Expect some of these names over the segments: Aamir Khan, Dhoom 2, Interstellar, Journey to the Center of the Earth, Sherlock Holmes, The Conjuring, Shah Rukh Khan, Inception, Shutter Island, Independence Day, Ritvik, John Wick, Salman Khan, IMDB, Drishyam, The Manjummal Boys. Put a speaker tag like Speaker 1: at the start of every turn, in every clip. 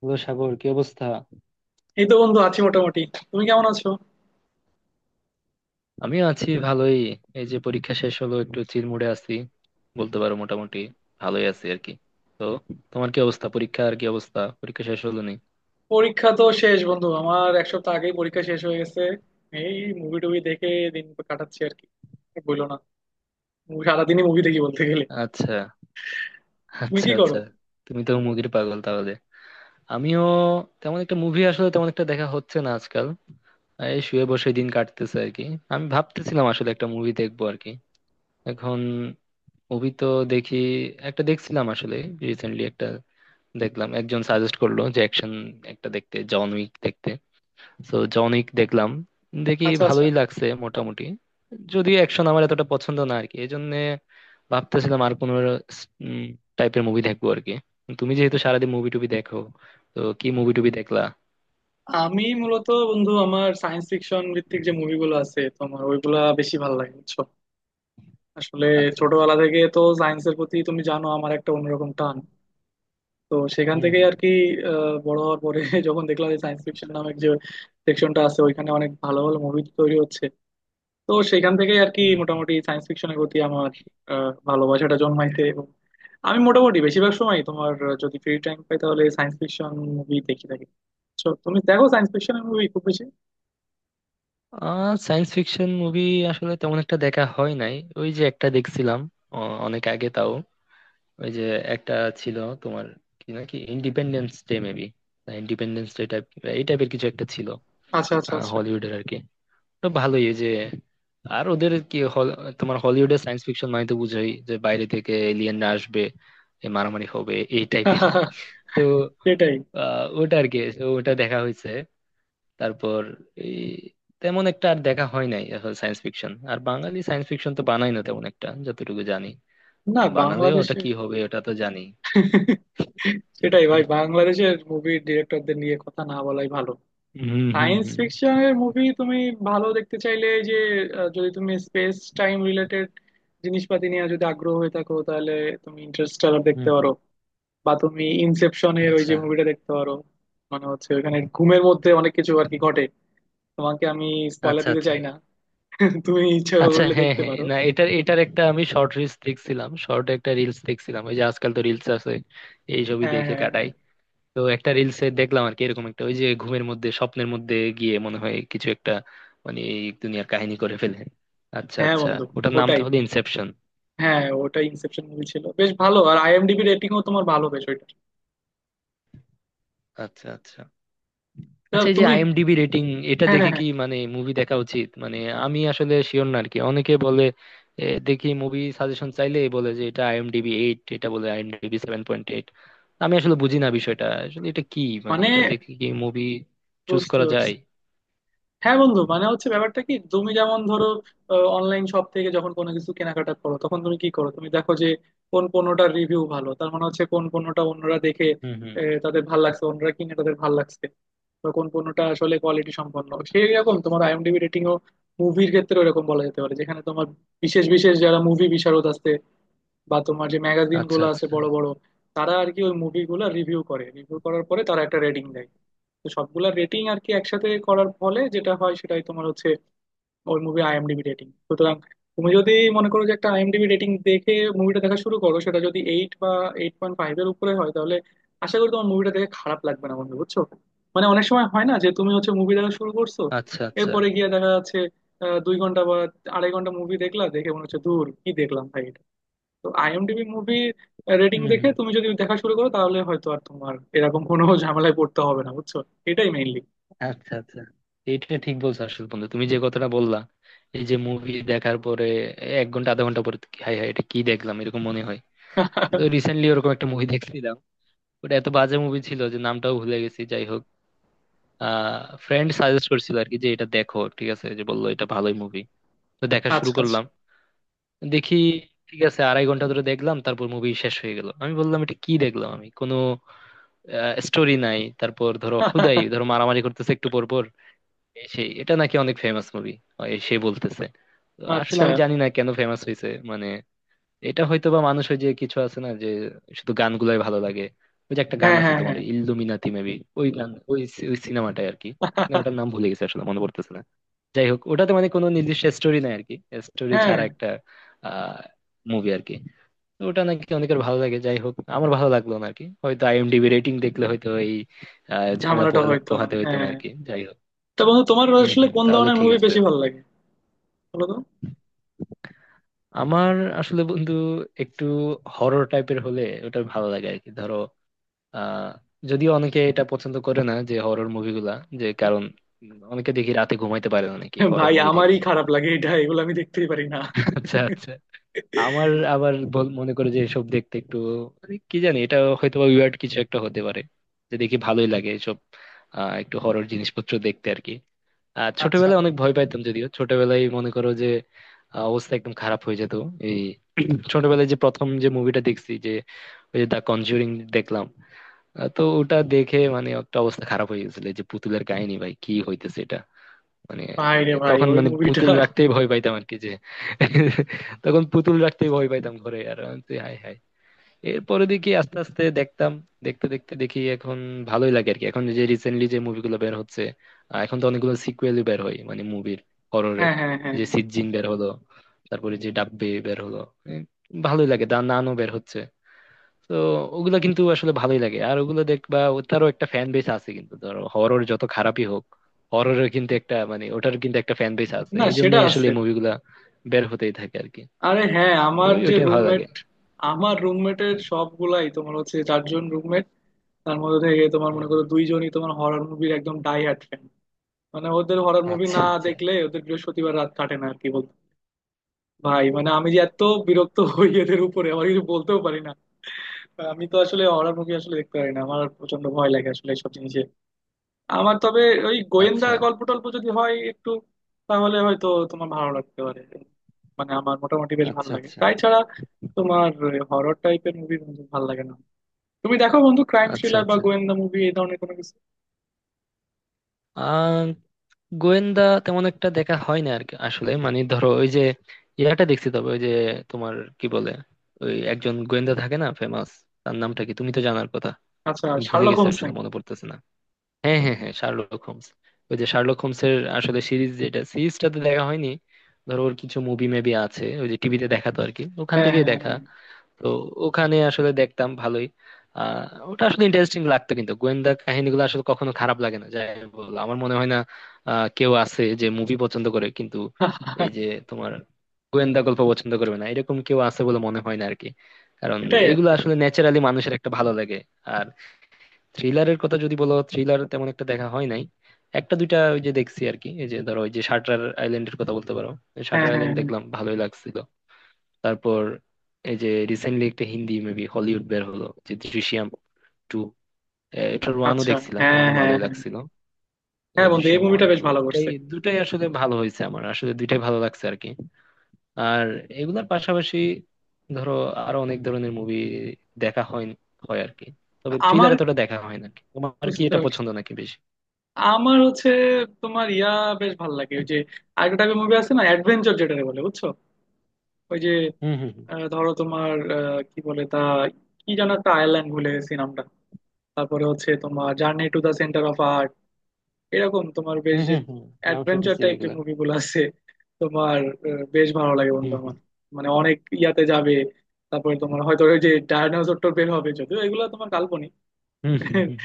Speaker 1: Hello Sagar, কি অবস্থা?
Speaker 2: এই তো বন্ধু আছি মোটামুটি। তুমি কেমন আছো?
Speaker 1: আমিও আছি ভালোই। এই যে পরীক্ষা শেষ হলো, একটু চিল মুডে আছি, বলতে পারো। মোটামুটি ভালোই আছি আর কি। তো তোমার কি অবস্থা? পরীক্ষা আর কি অবস্থা, পরীক্ষা শেষ হলো নি?
Speaker 2: পরীক্ষা তো শেষ বন্ধু, আমার 1 সপ্তাহ আগেই পরীক্ষা শেষ হয়ে গেছে। এই মুভি টুভি দেখে দিন কাটাচ্ছি আর কি। আর বইলো না, মুভি সারাদিনই মুভি দেখি বলতে গেলে।
Speaker 1: আচ্ছা,
Speaker 2: তুমি
Speaker 1: আচ্ছা,
Speaker 2: কি করো?
Speaker 1: আচ্ছা। তুমি তো মুভির পাগল তাহলে। আমিও। তেমন একটা মুভি, আসলে তেমন একটা দেখা হচ্ছে না আজকাল। এই শুয়ে বসে দিন কাটতেছে আর কি। আমি ভাবতেছিলাম আসলে একটা মুভি দেখবো আর কি এখন। মুভি তো দেখি, একটা দেখছিলাম আসলে রিসেন্টলি, একটা দেখলাম। একজন সাজেস্ট করলো যে অ্যাকশন একটা দেখতে, জন উইক দেখতে। তো জন উইক দেখলাম, দেখি
Speaker 2: আচ্ছা আচ্ছা,
Speaker 1: ভালোই লাগছে মোটামুটি। যদিও অ্যাকশন আমার এতটা পছন্দ না আর কি, এই জন্য ভাবতেছিলাম আর কোনো টাইপের মুভি দেখবো আর কি। তুমি যেহেতু সারাদিন মুভি টুবি দেখো, তো কি মুভি টুবি দেখলা?
Speaker 2: আমি মূলত বন্ধু আমার সায়েন্স ফিকশন ভিত্তিক যে মুভিগুলো আছে তোমার ওইগুলা বেশি ভালো লাগে, বুঝছো? আসলে
Speaker 1: আচ্ছা, আচ্ছা।
Speaker 2: ছোটবেলা থেকে তো সায়েন্সের প্রতি তুমি জানো আমার একটা অন্যরকম টান, তো সেখান
Speaker 1: হুম,
Speaker 2: থেকে
Speaker 1: হুম।
Speaker 2: আর কি। বড় হওয়ার পরে যখন দেখলাম যে সায়েন্স ফিকশন নামের যে সেকশনটা আছে, ওইখানে অনেক ভালো ভালো মুভি তৈরি হচ্ছে। তো সেখান থেকেই আর কি
Speaker 1: হুম, হুম।
Speaker 2: মোটামুটি সায়েন্স ফিকশনের প্রতি আমার ভালোবাসাটা জন্মাইছে। এবং আমি মোটামুটি বেশিরভাগ সময় তোমার যদি ফ্রি টাইম পাই তাহলে সায়েন্স ফিকশন মুভি দেখি থাকি। So, তুমি দেখো সায়েন্স ফিকশনের মুভি খুব বেশি?
Speaker 1: সায়েন্স ফিকশন মুভি আসলে তেমন একটা দেখা হয় নাই। ওই যে একটা দেখছিলাম অনেক আগে, তাও ওই যে একটা ছিল তোমার, কি নাকি Independence Day maybe, Independence Day type, এই টাইপের কিছু একটা ছিল।
Speaker 2: আচ্ছা আচ্ছা আচ্ছা।
Speaker 1: হলিউডের আর কি। তো ভালোই, এই যে। আর ওদের কি তোমার, হলিউডে সায়েন্স ফিকশন মানে তো বুঝোই, যে বাইরে থেকে এলিয়েনরা আসবে, এ মারামারি হবে, এই টাইপের। তো
Speaker 2: সেটাই।
Speaker 1: ওটা আর কি, তো ওটা দেখা হয়েছে। তারপর এই তেমন একটা আর দেখা হয় নাই সায়েন্স ফিকশন। আর বাঙালি সায়েন্স ফিকশন তো বানাই না তেমন একটা, যতটুকু জানি।
Speaker 2: না,
Speaker 1: বানালেও ওটা
Speaker 2: বাংলাদেশে
Speaker 1: কি হবে ওটা তো জানি।
Speaker 2: সেটাই ভাই, বাংলাদেশের মুভির ডিরেক্টরদের নিয়ে কথা না বলাই ভালো।
Speaker 1: হুম, হুম,
Speaker 2: সায়েন্স
Speaker 1: হুম,
Speaker 2: ফিকশনের মুভি তুমি ভালো দেখতে চাইলে এই যে যদি তুমি স্পেস টাইম রিলেটেড জিনিসপাতি নিয়ে যদি আগ্রহ হয়ে থাকো, তাহলে তুমি ইন্টারস্টেলার দেখতে
Speaker 1: হুম,
Speaker 2: পারো।
Speaker 1: হুম।
Speaker 2: বা তুমি ইনসেপশনের ওই যে
Speaker 1: আচ্ছা,
Speaker 2: মুভিটা দেখতে পারো। মানে হচ্ছে ওখানে ঘুমের মধ্যে অনেক কিছু আর কি ঘটে, তোমাকে আমি স্পয়লার
Speaker 1: আচ্ছা,
Speaker 2: দিতে
Speaker 1: আচ্ছা,
Speaker 2: চাই না। তুমি ইচ্ছা
Speaker 1: আচ্ছা।
Speaker 2: করলে
Speaker 1: হ্যাঁ,
Speaker 2: দেখতে
Speaker 1: হ্যাঁ,
Speaker 2: পারো।
Speaker 1: না, এটার এটার একটা আমি শর্ট রিলস দেখছিলাম, শর্ট একটা রিলস দেখছিলাম, ওই যে আজকাল তো রিলস আছে, এই ছবি
Speaker 2: হ্যাঁ
Speaker 1: দেখে
Speaker 2: হ্যাঁ হ্যাঁ।
Speaker 1: কাটাই। তো একটা রিলসে দেখলাম আর কি এরকম একটা, ওই যে ঘুমের মধ্যে স্বপ্নের মধ্যে গিয়ে মনে হয় কিছু একটা, মানে এই দুনিয়ার কাহিনী করে ফেলে। আচ্ছা,
Speaker 2: হ্যাঁ
Speaker 1: আচ্ছা।
Speaker 2: বন্ধু,
Speaker 1: ওটার নাম
Speaker 2: ওটাই।
Speaker 1: তাহলে ইনসেপশন?
Speaker 2: হ্যাঁ ওটাই ইনসেপশন মুভি, ছিল বেশ ভালো, আর আইএমডিবি রেটিংও তোমার ভালো বেশ ওইটা।
Speaker 1: আচ্ছা, আচ্ছা,
Speaker 2: তা
Speaker 1: আচ্ছা। এই যে
Speaker 2: তুমি
Speaker 1: আইএমডিবি রেটিং, এটা
Speaker 2: হ্যাঁ হ্যাঁ
Speaker 1: দেখে
Speaker 2: হ্যাঁ
Speaker 1: কি মানে মুভি দেখা উচিত মানে? আমি আসলে শিওর না আর কি, অনেকে বলে, দেখি, মুভি সাজেশন চাইলে বলে যে এটা আইএমডিবি 8, এটা বলে আইএমডিবি 7.8। আমি আসলে বুঝি না বিষয়টা আসলে, এটা কি মানে?
Speaker 2: মানে
Speaker 1: এটা দেখে কি মুভি চুজ
Speaker 2: বুঝতে
Speaker 1: করা
Speaker 2: পারছি।
Speaker 1: যায়?
Speaker 2: হ্যাঁ বন্ধু, মানে হচ্ছে ব্যাপারটা কি, তুমি যেমন ধরো অনলাইন শপ থেকে যখন কোনো কিছু কেনাকাটা করো, তখন তুমি কি করো? তুমি দেখো যে কোন পণ্যটার রিভিউ ভালো। তার মানে হচ্ছে কোন পণ্যটা অন্যরা দেখে
Speaker 1: হুম, হুম।
Speaker 2: তাদের ভাল লাগছে, অন্যরা কিনে তাদের ভাল লাগছে, বা কোন পণ্যটা আসলে কোয়ালিটি সম্পন্ন। সেই রকম তোমার আইএমডিবি রেটিং ও মুভির ক্ষেত্রে ওরকম বলা যেতে পারে, যেখানে তোমার বিশেষ বিশেষ যারা মুভি বিশারদ আছে বা তোমার যে ম্যাগাজিন
Speaker 1: আচ্ছা,
Speaker 2: গুলো আছে
Speaker 1: আচ্ছা,
Speaker 2: বড় বড়, তারা আর কি ওই মুভিগুলো রিভিউ করে, রিভিউ করার পরে তারা একটা রেটিং দেয়। তো সবগুলা রেটিং আর কি একসাথে করার ফলে যেটা হয়, সেটাই তোমার হচ্ছে ওই মুভি আইএমডিবি রেটিং। সুতরাং তুমি যদি মনে করো যে একটা আইএমডিবি রেটিং দেখে মুভিটা দেখা শুরু করো, সেটা যদি 8 বা 8.5 এর উপরে হয়, তাহলে আশা করি তোমার মুভিটা দেখে খারাপ লাগবে না বন্ধু, বুঝছো? মানে অনেক সময় হয় না যে তুমি হচ্ছে মুভি দেখা শুরু করছো,
Speaker 1: আচ্ছা, আচ্ছা।
Speaker 2: এরপরে গিয়ে দেখা যাচ্ছে 2 ঘন্টা বা আড়াই ঘন্টা মুভি দেখলা, দেখে মনে হচ্ছে দূর কি দেখলাম ভাই। তো আইএমডিবি মুভি রেটিং
Speaker 1: হুম,
Speaker 2: দেখে
Speaker 1: হুম।
Speaker 2: তুমি যদি দেখা শুরু করো, তাহলে হয়তো আর তোমার এরকম কোনো ঝামেলায় পড়তে হবে না, বুঝছো? এটাই মেইনলি।
Speaker 1: আচ্ছা, আচ্ছা। এটা ঠিক বলছো আসলে বন্ধু, তুমি যে কথাটা বললা। এই যে মুভি দেখার পরে 1 ঘন্টা আধা ঘন্টা পরে, হাই হাই এটা কি দেখলাম, এরকম মনে হয়। তো রিসেন্টলি ওরকম একটা মুভি দেখছিলাম, ওটা এত বাজে মুভি ছিল যে নামটাও ভুলে গেছি, যাই হোক। ফ্রেন্ড সাজেস্ট করছিল আর কি, যে এটা দেখো, ঠিক আছে, যে বললো এটা ভালোই মুভি। তো দেখা শুরু
Speaker 2: আচ্ছা আচ্ছা
Speaker 1: করলাম, দেখি ঠিক আছে, 2.5 ঘন্টা ধরে দেখলাম, তারপর মুভি শেষ হয়ে গেল। আমি বললাম এটা কি দেখলাম আমি, কোনো স্টোরি নাই, তারপর ধরো হুদাই ধরো মারামারি করতেছে একটু পর পর, এই সেই, এটা নাকি অনেক ফেমাস মুভি সে বলতেছে। তো আসলে
Speaker 2: আচ্ছা।
Speaker 1: আমি জানি না কেন ফেমাস হয়েছে মানে। এটা হয়তো বা মানুষ, ওই যে কিছু আছে না, যে শুধু গানগুলাই ভালো লাগে। ওই যে একটা গান
Speaker 2: হ্যাঁ
Speaker 1: আছে
Speaker 2: হ্যাঁ
Speaker 1: তোমার,
Speaker 2: হ্যাঁ।
Speaker 1: ইল্লুমিনাতি মেবি, ওই গান, ওই ওই সিনেমাটাই আর কি। সিনেমাটার নাম ভুলে গেছে আসলে, মনে পড়তেছে না। যাই হোক, ওটাতে মানে কোনো নির্দিষ্ট স্টোরি নাই আর কি, স্টোরি
Speaker 2: হ্যাঁ,
Speaker 1: ছাড়া একটা আহ মুভি আর কি। তো ওটা নাকি অনেকের ভালো লাগে, যাই হোক, আমার ভালো লাগলো না আর কি, হয়তো আইএমডিবি রেটিং দেখলে হয়তো এই ঝামেলা
Speaker 2: ঝামেলাটা হয়তো না,
Speaker 1: পোহাতে হইতো না
Speaker 2: হ্যাঁ।
Speaker 1: আর কি, যাই হোক।
Speaker 2: তা বন্ধু তোমার
Speaker 1: হম,
Speaker 2: আসলে
Speaker 1: হম।
Speaker 2: কোন
Speaker 1: তাহলে
Speaker 2: ধরনের
Speaker 1: ঠিক
Speaker 2: মুভি
Speaker 1: আছে।
Speaker 2: বেশি ভালো লাগে, বলো তো?
Speaker 1: আমার আসলে বন্ধু একটু হরর টাইপের হলে ওটা ভালো লাগে আর কি, ধরো। আহ যদিও অনেকে এটা পছন্দ করে না যে হরর মুভিগুলা, যে কারণ অনেকে দেখি রাতে ঘুমাইতে পারে না নাকি হরর
Speaker 2: ভাই
Speaker 1: মুভি থেকে।
Speaker 2: আমারই খারাপ লাগে এটা, এগুলো আমি দেখতেই পারি না।
Speaker 1: আচ্ছা, আচ্ছা। আমার আবার মনে করে যে এসব দেখতে একটু, মানে কি জানি এটা হয়তো বা উইয়ার্ড কিছু একটা হতে পারে, যে দেখি ভালোই লাগে এসব, একটু হরর জিনিসপত্র দেখতে আর কি। আর
Speaker 2: আচ্ছা,
Speaker 1: ছোটবেলায় অনেক ভয় পাইতাম, যদিও ছোটবেলায় মনে করো যে অবস্থা একদম খারাপ হয়ে যেত। এই ছোটবেলায় যে প্রথম যে মুভিটা দেখছি যে, ওই যে দ্য কনজুরিং দেখলাম। তো ওটা দেখে মানে একটা অবস্থা খারাপ হয়ে গেছিল। এই যে পুতুলের কাহিনী, ভাই কি হইতেছে এটা মানে
Speaker 2: ভাই রে
Speaker 1: মানে
Speaker 2: ভাই
Speaker 1: তখন
Speaker 2: ওই
Speaker 1: মানে
Speaker 2: মুভিটা
Speaker 1: পুতুল রাখতেই ভয় পাইতাম আর কি, যে তখন পুতুল রাখতেই ভয় পাইতাম ঘরে। আর আমি বলছি, হায় হায়। এরপরে দেখি আস্তে আস্তে দেখতাম, দেখতে দেখতে দেখি এখন ভালোই লাগে আর কি, এখন যে রিসেন্টলি যে মুভিগুলো বের হচ্ছে। এখন তো অনেকগুলো সিকুয়েলই বের হয় মানে মুভির, হররের।
Speaker 2: হ্যাঁ হ্যাঁ হ্যাঁ
Speaker 1: যে
Speaker 2: হ্যাঁ,
Speaker 1: সিজিন বের হলো, তারপরে যে ডাব্বে বের হলো, এ, ভালোই লাগে, দা নানও বের হচ্ছে। তো ওগুলা কিন্তু আসলে ভালোই লাগে আর ওগুলো দেখবা, তারও একটা ফ্যান বেস আছে কিন্তু, ধরো হরর যত খারাপই হোক, হররের কিন্তু একটা মানে ওটার কিন্তু একটা ফ্যান বেস আছে,
Speaker 2: না
Speaker 1: এই জন্য
Speaker 2: সেটা
Speaker 1: আসলে
Speaker 2: আছে।
Speaker 1: এই মুভিগুলা বের হতেই থাকে আর কি,
Speaker 2: আরে হ্যাঁ আমার যে
Speaker 1: ওইটাই ভালো লাগে।
Speaker 2: রুমমেট, আমার রুমমেটের সবগুলাই তোমার হচ্ছে চারজন রুমমেট, তার মধ্যে থেকে তোমার
Speaker 1: হুম,
Speaker 2: মনে করো
Speaker 1: হুম।
Speaker 2: দুইজনই তোমার হরর মুভির একদম ডাই হার্ট ফ্যান। মানে ওদের হরর মুভি
Speaker 1: আচ্ছা,
Speaker 2: না
Speaker 1: আচ্ছা,
Speaker 2: দেখলে ওদের বৃহস্পতিবার রাত কাটে না আর কি, বলতো! ভাই মানে আমি যে এত বিরক্ত হই এদের উপরে, আমার কিছু বলতেও পারি না। আমি তো আসলে হরর মুভি আসলে দেখতে পারি না, আমার প্রচন্ড ভয় লাগে আসলে এইসব জিনিস। আমার তবে ওই গোয়েন্দা
Speaker 1: আচ্ছা,
Speaker 2: গল্প টল্প যদি হয় একটু, তাহলে হয়তো তোমার ভালো লাগতে পারে। মানে আমার মোটামুটি বেশ ভালো
Speaker 1: আচ্ছা,
Speaker 2: লাগে,
Speaker 1: আচ্ছা,
Speaker 2: তাই ছাড়া তোমার হরর টাইপের মুভি বন্ধু ভালো লাগে না? তুমি দেখো বন্ধু ক্রাইম
Speaker 1: আচ্ছা,
Speaker 2: থ্রিলার বা
Speaker 1: আচ্ছা।
Speaker 2: গোয়েন্দা মুভি এই ধরনের কোনো কিছু?
Speaker 1: আহ গোয়েন্দা তেমন একটা দেখা হয় না আর কি আসলে, মানে ধরো ওই যে ইয়াটা দেখছি তবে, ওই যে তোমার কি বলে, ওই একজন গোয়েন্দা থাকে না ফেমাস, তার নামটা কি? তুমি তো জানার কথা।
Speaker 2: আচ্ছা,
Speaker 1: আমি ভুলে
Speaker 2: শার্লক
Speaker 1: গেছি
Speaker 2: হোমস
Speaker 1: আসলে,
Speaker 2: নাকি?
Speaker 1: মনে পড়তেছে না। হ্যাঁ, হ্যাঁ, হ্যাঁ, শার্লক হোমস। ওই যে শার্লক হোমসের আসলে সিরিজ, যেটা সিরিজটা তো দেখা হয়নি। ধরো ওর কিছু মুভি মেবি আছে, ওই যে টিভিতে দেখাতো আর কি, ওখান
Speaker 2: হ্যাঁ
Speaker 1: থেকেই
Speaker 2: হ্যাঁ
Speaker 1: দেখা।
Speaker 2: হ্যাঁ।
Speaker 1: তো ওখানে আসলে দেখতাম ভালোই। আহ ওটা আসলে ইন্টারেস্টিং লাগতো, কিন্তু গোয়েন্দা কাহিনীগুলো আসলে কখনো খারাপ লাগে না, যাই বল। আমার মনে হয় না কেউ আছে যে মুভি পছন্দ করে কিন্তু, এই যে তোমার গোয়েন্দা গল্প পছন্দ করবে না, এরকম কেউ আছে বলে মনে হয় না আর কি। কারণ
Speaker 2: এটাই আর
Speaker 1: এগুলো
Speaker 2: কি।
Speaker 1: আসলে ন্যাচারালি মানুষের একটা ভালো লাগে। থ্রিলারের কথা যদি বলো, থ্রিলার তেমন একটা দেখা হয় নাই, একটা দুইটা ওই যে দেখছি আর কি। এই যে ধরো ওই যে শাটার আইল্যান্ডের কথা বলতে পারো,
Speaker 2: হ্যাঁ
Speaker 1: শাটার
Speaker 2: হ্যাঁ
Speaker 1: আইল্যান্ড
Speaker 2: হ্যাঁ।
Speaker 1: দেখলাম ভালোই লাগছিল। তারপর এই যে রিসেন্টলি একটা হিন্দি মেবি হলিউড বের হলো, যে দৃশ্যম টু। এটার ওয়ানও
Speaker 2: আচ্ছা।
Speaker 1: দেখছিলাম,
Speaker 2: হ্যাঁ
Speaker 1: ওয়ানও
Speaker 2: হ্যাঁ
Speaker 1: ভালোই
Speaker 2: হ্যাঁ।
Speaker 1: লাগছিল।
Speaker 2: হ্যাঁ বন্ধু এই
Speaker 1: দৃশ্যম ওয়ান
Speaker 2: মুভিটা বেশ
Speaker 1: টু,
Speaker 2: ভালো
Speaker 1: দুটাই
Speaker 2: করছে।
Speaker 1: দুটাই আসলে ভালো হয়েছে, আমার আসলে দুইটাই ভালো লাগছে আর কি। আর এগুলার পাশাপাশি, ধরো, আরো অনেক ধরনের মুভি দেখা হয় হয় আর কি, তবে থ্রিলার
Speaker 2: আমার
Speaker 1: এতটা দেখা হয় না। তোমার কি
Speaker 2: বুঝতে
Speaker 1: এটা
Speaker 2: পারছি,
Speaker 1: পছন্দ নাকি বেশি?
Speaker 2: আমার হচ্ছে তোমার ইয়া বেশ ভালো লাগে ওই যে আরেকটা টাইপের মুভি আছে না, অ্যাডভেঞ্চার যেটাকে বলে, বুঝছো? ওই যে
Speaker 1: হুম, হুম, হুম,
Speaker 2: ধরো তোমার কি বলে তা, কি যেন একটা আয়ারল্যান্ড, ভুলে গেছি নামটা। তারপরে হচ্ছে তোমার journey to the centre of art, এরকম তোমার বেশ
Speaker 1: হুম,
Speaker 2: যে
Speaker 1: হুম, হুম। নাম
Speaker 2: অ্যাডভেঞ্চার
Speaker 1: শুনছি
Speaker 2: টাইপ যে
Speaker 1: এগুলা।
Speaker 2: মুভিগুলো আছে তোমার বেশ ভালো লাগে বন্ধু
Speaker 1: হুম, হুম,
Speaker 2: আমার। মানে অনেক ইয়াতে যাবে, তারপরে তোমার হয়তো ওই যে ডায়নোসর টোর বের হবে, যদিও এগুলো তোমার কাল্পনিক।
Speaker 1: হুম, হুম, হুম।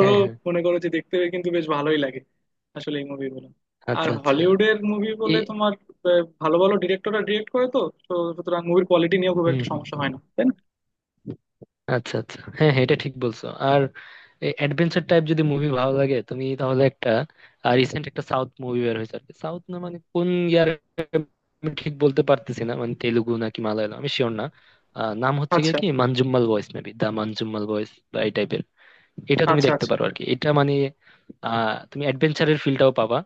Speaker 1: হ্যাঁ, হ্যাঁ।
Speaker 2: মনে করো যে দেখতে কিন্তু বেশ ভালোই লাগে আসলে এই মুভিগুলো। আর
Speaker 1: আচ্ছা, আচ্ছা।
Speaker 2: হলিউডের মুভি
Speaker 1: এ
Speaker 2: বলে তোমার ভালো ভালো ডিরেক্টররা ডিরেক্ট করে তো, তো সুতরাং মুভির কোয়ালিটি নিয়েও খুব
Speaker 1: হুম,
Speaker 2: একটা
Speaker 1: হুম।
Speaker 2: সমস্যা হয় না, তাই না?
Speaker 1: আচ্ছা, আচ্ছা। হ্যাঁ, হ্যাঁ, এটা ঠিক বলছো। আর অ্যাডভেঞ্চার টাইপ যদি মুভি ভালো লাগে তুমি, তাহলে একটা রিসেন্ট একটা সাউথ মুভি বের হয়েছে আর কি, সাউথ না মানে কোন ইয়ার আমি ঠিক বলতে পারতেছি না, মানে তেলুগু নাকি মালায়ালাম আমি শিওর না। নাম হচ্ছে গিয়ে
Speaker 2: আচ্ছা
Speaker 1: কি, মানজুম্মাল বয়েস মেবি, দা মানজুম্মাল বয়েস, বা এই type এর। এটা তুমি
Speaker 2: আচ্ছা
Speaker 1: দেখতে
Speaker 2: আচ্ছা
Speaker 1: পারো আর কি, এটা মানে তুমি অ্যাডভেঞ্চারের ফিলটাও পাবা,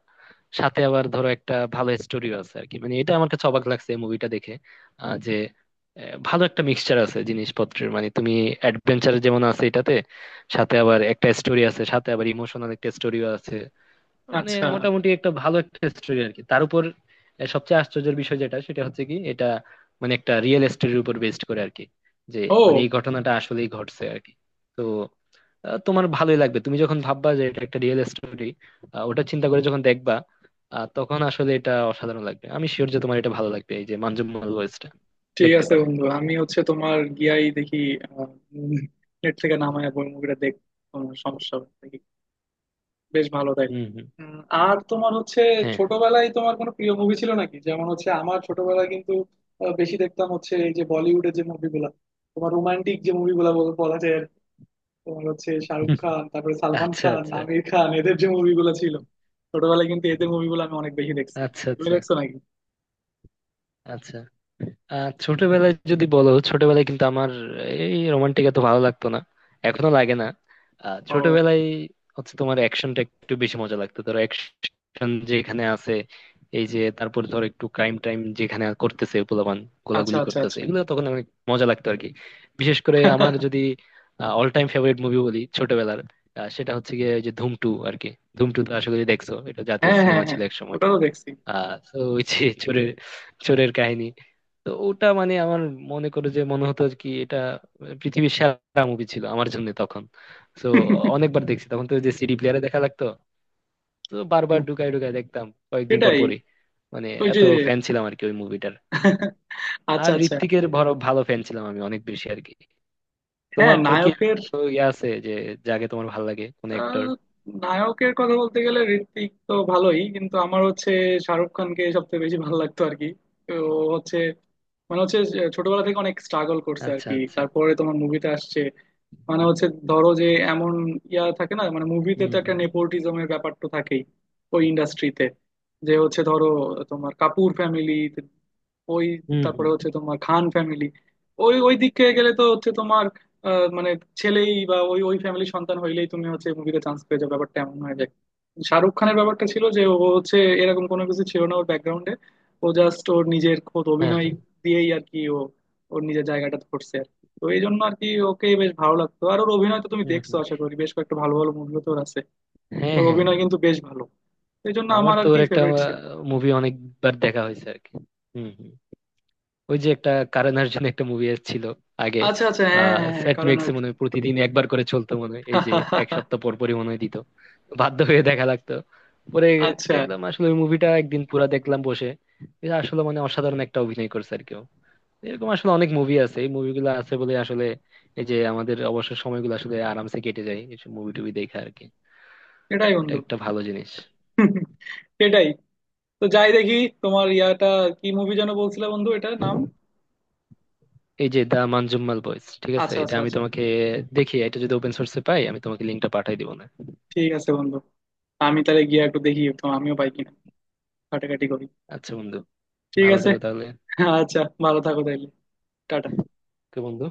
Speaker 1: সাথে আবার ধরো একটা ভালো স্টোরিও আছে আর কি, মানে এটা আমার কাছে অবাক লাগছে এই মুভিটা দেখে। যে ভালো একটা মিক্সচার আছে জিনিসপত্রের, মানে তুমি অ্যাডভেঞ্চার যেমন আছে এটাতে, সাথে আবার একটা স্টোরি আছে, সাথে আবার ইমোশনাল একটা স্টোরিও আছে, মানে
Speaker 2: আচ্ছা।
Speaker 1: মোটামুটি একটা ভালো একটা স্টোরি আর কি তার উপর। সবচেয়ে আশ্চর্যের বিষয় যেটা সেটা হচ্ছে কি, এটা মানে একটা রিয়েল স্টোরির উপর বেস্ড করে আর কি, যে মানে এই
Speaker 2: ও,
Speaker 1: ঘটনাটা আসলেই ঘটছে আর কি। তো তোমার ভালোই লাগবে তুমি যখন ভাববা যে এটা একটা রিয়েল স্টোরি, ওটা চিন্তা করে যখন দেখবা, তখন আসলে এটা অসাধারণ লাগবে। আমি শিওর যে তোমার এটা ভালো লাগবে, এই যে মানজুমাল ওয়েস্টটা।
Speaker 2: ঠিক
Speaker 1: দেখতে
Speaker 2: আছে
Speaker 1: পারো।
Speaker 2: বন্ধু আমি হচ্ছে তোমার গিয়াই দেখি, নেট থেকে নামায় বই মুভিটা দেখ, কোনো সমস্যা হবে না। দেখি। বেশ ভালো তাইলে।
Speaker 1: হম, হম।
Speaker 2: উম, আর তোমার হচ্ছে
Speaker 1: হ্যাঁ, হ্যাঁ।
Speaker 2: ছোটবেলায় তোমার কোনো প্রিয় মুভি ছিল নাকি? যেমন হচ্ছে আমার ছোটবেলায় কিন্তু বেশি দেখতাম হচ্ছে এই যে বলিউডের যে মুভিগুলা, তোমার রোমান্টিক যে মুভিগুলা বলা যায় আর কি। তোমার হচ্ছে শাহরুখ খান, তারপরে সালমান
Speaker 1: আচ্ছা,
Speaker 2: খান,
Speaker 1: আচ্ছা,
Speaker 2: আমির খান, এদের যে মুভিগুলো ছিল ছোটবেলায় কিন্তু এদের মুভিগুলো আমি অনেক বেশি দেখছি।
Speaker 1: আচ্ছা,
Speaker 2: তুমি
Speaker 1: আচ্ছা,
Speaker 2: দেখছো নাকি?
Speaker 1: আচ্ছা। ছোটবেলায় যদি বলো, ছোটবেলায় কিন্তু আমার এই রোমান্টিক এত ভালো লাগতো না, এখনো লাগে না।
Speaker 2: ও
Speaker 1: ছোটবেলায় হচ্ছে তোমার অ্যাকশনটা একটু বেশি মজা লাগতো, ধরো অ্যাকশন যেখানে আছে, এই যে তারপর ধরো একটু ক্রাইম টাইম যেখানে করতেছে পোলাপান,
Speaker 2: আচ্ছা
Speaker 1: গোলাগুলি
Speaker 2: আচ্ছা
Speaker 1: করতেছে,
Speaker 2: আচ্ছা।
Speaker 1: এগুলো তখন অনেক মজা লাগতো আর কি। বিশেষ করে আমার যদি অল টাইম ফেভারিট মুভি বলি ছোটবেলার, সেটা হচ্ছে গিয়ে ওই যে ধুম টু আর কি। ধুম টু তো আশা করি দেখছো, এটা জাতীয়
Speaker 2: হ্যাঁ হ্যাঁ
Speaker 1: সিনেমা
Speaker 2: হ্যাঁ,
Speaker 1: ছিল এক সময়।
Speaker 2: ওটাও দেখছি।
Speaker 1: তো ওই যে চোরের চোরের কাহিনী। তো ওটা মানে আমার মনে করে যে মনে হতো আর কি এটা পৃথিবীর সেরা মুভি ছিল আমার জন্য তখন। তো অনেকবার দেখছি তখন, তো ওই যে সিডি প্লেয়ারে দেখা লাগতো, তো বারবার
Speaker 2: ধুর,
Speaker 1: ঢুকায় ঢুকায় দেখতাম কয়েকদিন পর
Speaker 2: সেটাই।
Speaker 1: পরই। মানে
Speaker 2: ওই যে
Speaker 1: এত ফ্যান ছিলাম আর কি ওই মুভিটার।
Speaker 2: আচ্ছা
Speaker 1: আর
Speaker 2: আচ্ছা।
Speaker 1: ঋত্বিকের বড় ভালো ফ্যান ছিলাম আমি অনেক বেশি আর কি।
Speaker 2: হ্যাঁ,
Speaker 1: তোমার কি এরকম
Speaker 2: নায়কের
Speaker 1: কোনো ইয়ে আছে যে, যাকে তোমার ভালো লাগে, কোন
Speaker 2: আহ,
Speaker 1: অ্যাক্টর?
Speaker 2: নায়কের কথা বলতে গেলে ঋত্বিক তো ভালোই, কিন্তু আমার হচ্ছে শাহরুখ খানকে সবচেয়ে বেশি ভালো লাগতো আর কি। তো ও হচ্ছে মানে হচ্ছে যে ছোটবেলা থেকে অনেক স্ট্রাগল করছে আর
Speaker 1: আচ্ছা,
Speaker 2: কি,
Speaker 1: আচ্ছা।
Speaker 2: তারপরে তোমার মুভিতে আসছে। মানে হচ্ছে ধরো যে এমন ইয়া থাকে না, মানে মুভিতে তো একটা
Speaker 1: হুম,
Speaker 2: নেপোটিজমের ব্যাপার তো থাকেই ওই ইন্ডাস্ট্রিতে, যে হচ্ছে ধরো তোমার কাপুর ফ্যামিলি, ওই
Speaker 1: হুম,
Speaker 2: তারপরে
Speaker 1: হুম, হুম।
Speaker 2: হচ্ছে তোমার খান ফ্যামিলি। ওই ওই দিকে গেলে তো হচ্ছে তোমার মানে ছেলেই বা ওই ওই ফ্যামিলির সন্তান হইলেই তুমি হচ্ছে মুভিতে চান্স পেয়ে যাও, ব্যাপারটা এমন হয়ে যায়। শাহরুখ খানের ব্যাপারটা ছিল যে ও হচ্ছে এরকম কোনো কিছু ছিল না ওর ব্যাকগ্রাউন্ডে। ও জাস্ট ওর নিজের খোদ
Speaker 1: হ্যাঁ,
Speaker 2: অভিনয়
Speaker 1: হ্যাঁ।
Speaker 2: দিয়েই আর কি ও ওর নিজের জায়গাটা ধরছে আর কি। তো এই জন্য আর কি ওকে বেশ ভালো লাগতো, আর ওর অভিনয় তো তুমি
Speaker 1: হুম,
Speaker 2: দেখছো
Speaker 1: হুম।
Speaker 2: আশা করি, বেশ কয়েকটা ভালো ভালো মুভিও তো ওর আছে।
Speaker 1: হ্যাঁ,
Speaker 2: ওর
Speaker 1: হ্যাঁ,
Speaker 2: অভিনয়
Speaker 1: হ্যাঁ।
Speaker 2: কিন্তু বেশ ভালো, এই জন্য
Speaker 1: আমার
Speaker 2: আমার
Speaker 1: তো
Speaker 2: আর
Speaker 1: ওর
Speaker 2: কি
Speaker 1: একটা
Speaker 2: ফেভারিট ছিল।
Speaker 1: মুভি অনেকবার দেখা হয়েছে আর কি। হুম, হুম। ওই যে একটা, কারণ অর্জুন একটা মুভি এসেছিল আগে।
Speaker 2: আচ্ছা আচ্ছা হ্যাঁ হ্যাঁ হ্যাঁ,
Speaker 1: সেট
Speaker 2: কারণ
Speaker 1: মেক্সে মনে
Speaker 2: অর্জুন।
Speaker 1: হয় প্রতিদিন একবার করে চলতো মনে হয়, এই যে এক সপ্তাহ পর পরই মনে হয় দিত, বাধ্য হয়ে দেখা লাগতো। পরে
Speaker 2: আচ্ছা,
Speaker 1: দেখলাম আসলে ওই মুভিটা একদিন পুরা দেখলাম বসে। আসলে মানে অসাধারণ একটা অভিনয় করছে, আর কেউ এরকম আসলে। অনেক মুভি আছে, এই মুভিগুলো আছে বলে আসলে এই যে আমাদের অবসর সময়গুলো আসলে আরামসে কেটে যায় এইসব মুভি টুভি দেখে আর কি।
Speaker 2: এটাই
Speaker 1: এটা
Speaker 2: বন্ধু।
Speaker 1: একটা ভালো জিনিস।
Speaker 2: এটাই, তো যাই দেখি তোমার ইয়াটা, কি মুভি যেন বলছিলে বন্ধু এটার নাম?
Speaker 1: এই যে দা মানজুম্মাল বয়েজ, ঠিক আছে?
Speaker 2: আচ্ছা
Speaker 1: এটা
Speaker 2: আচ্ছা
Speaker 1: আমি
Speaker 2: আচ্ছা,
Speaker 1: তোমাকে, দেখি এটা যদি ওপেন সোর্সে পাই, আমি তোমাকে লিঙ্কটা পাঠাই দিব না।
Speaker 2: ঠিক আছে বন্ধু আমি তাহলে গিয়ে একটু দেখি তো, আমিও পাই কিনা, ঘাটাঘাটি করি।
Speaker 1: আচ্ছা বন্ধু।
Speaker 2: ঠিক
Speaker 1: ভালো
Speaker 2: আছে।
Speaker 1: থেকো তাহলে।
Speaker 2: আচ্ছা, ভালো থাকো তাইলে। টাটা।
Speaker 1: তো বন্ধু।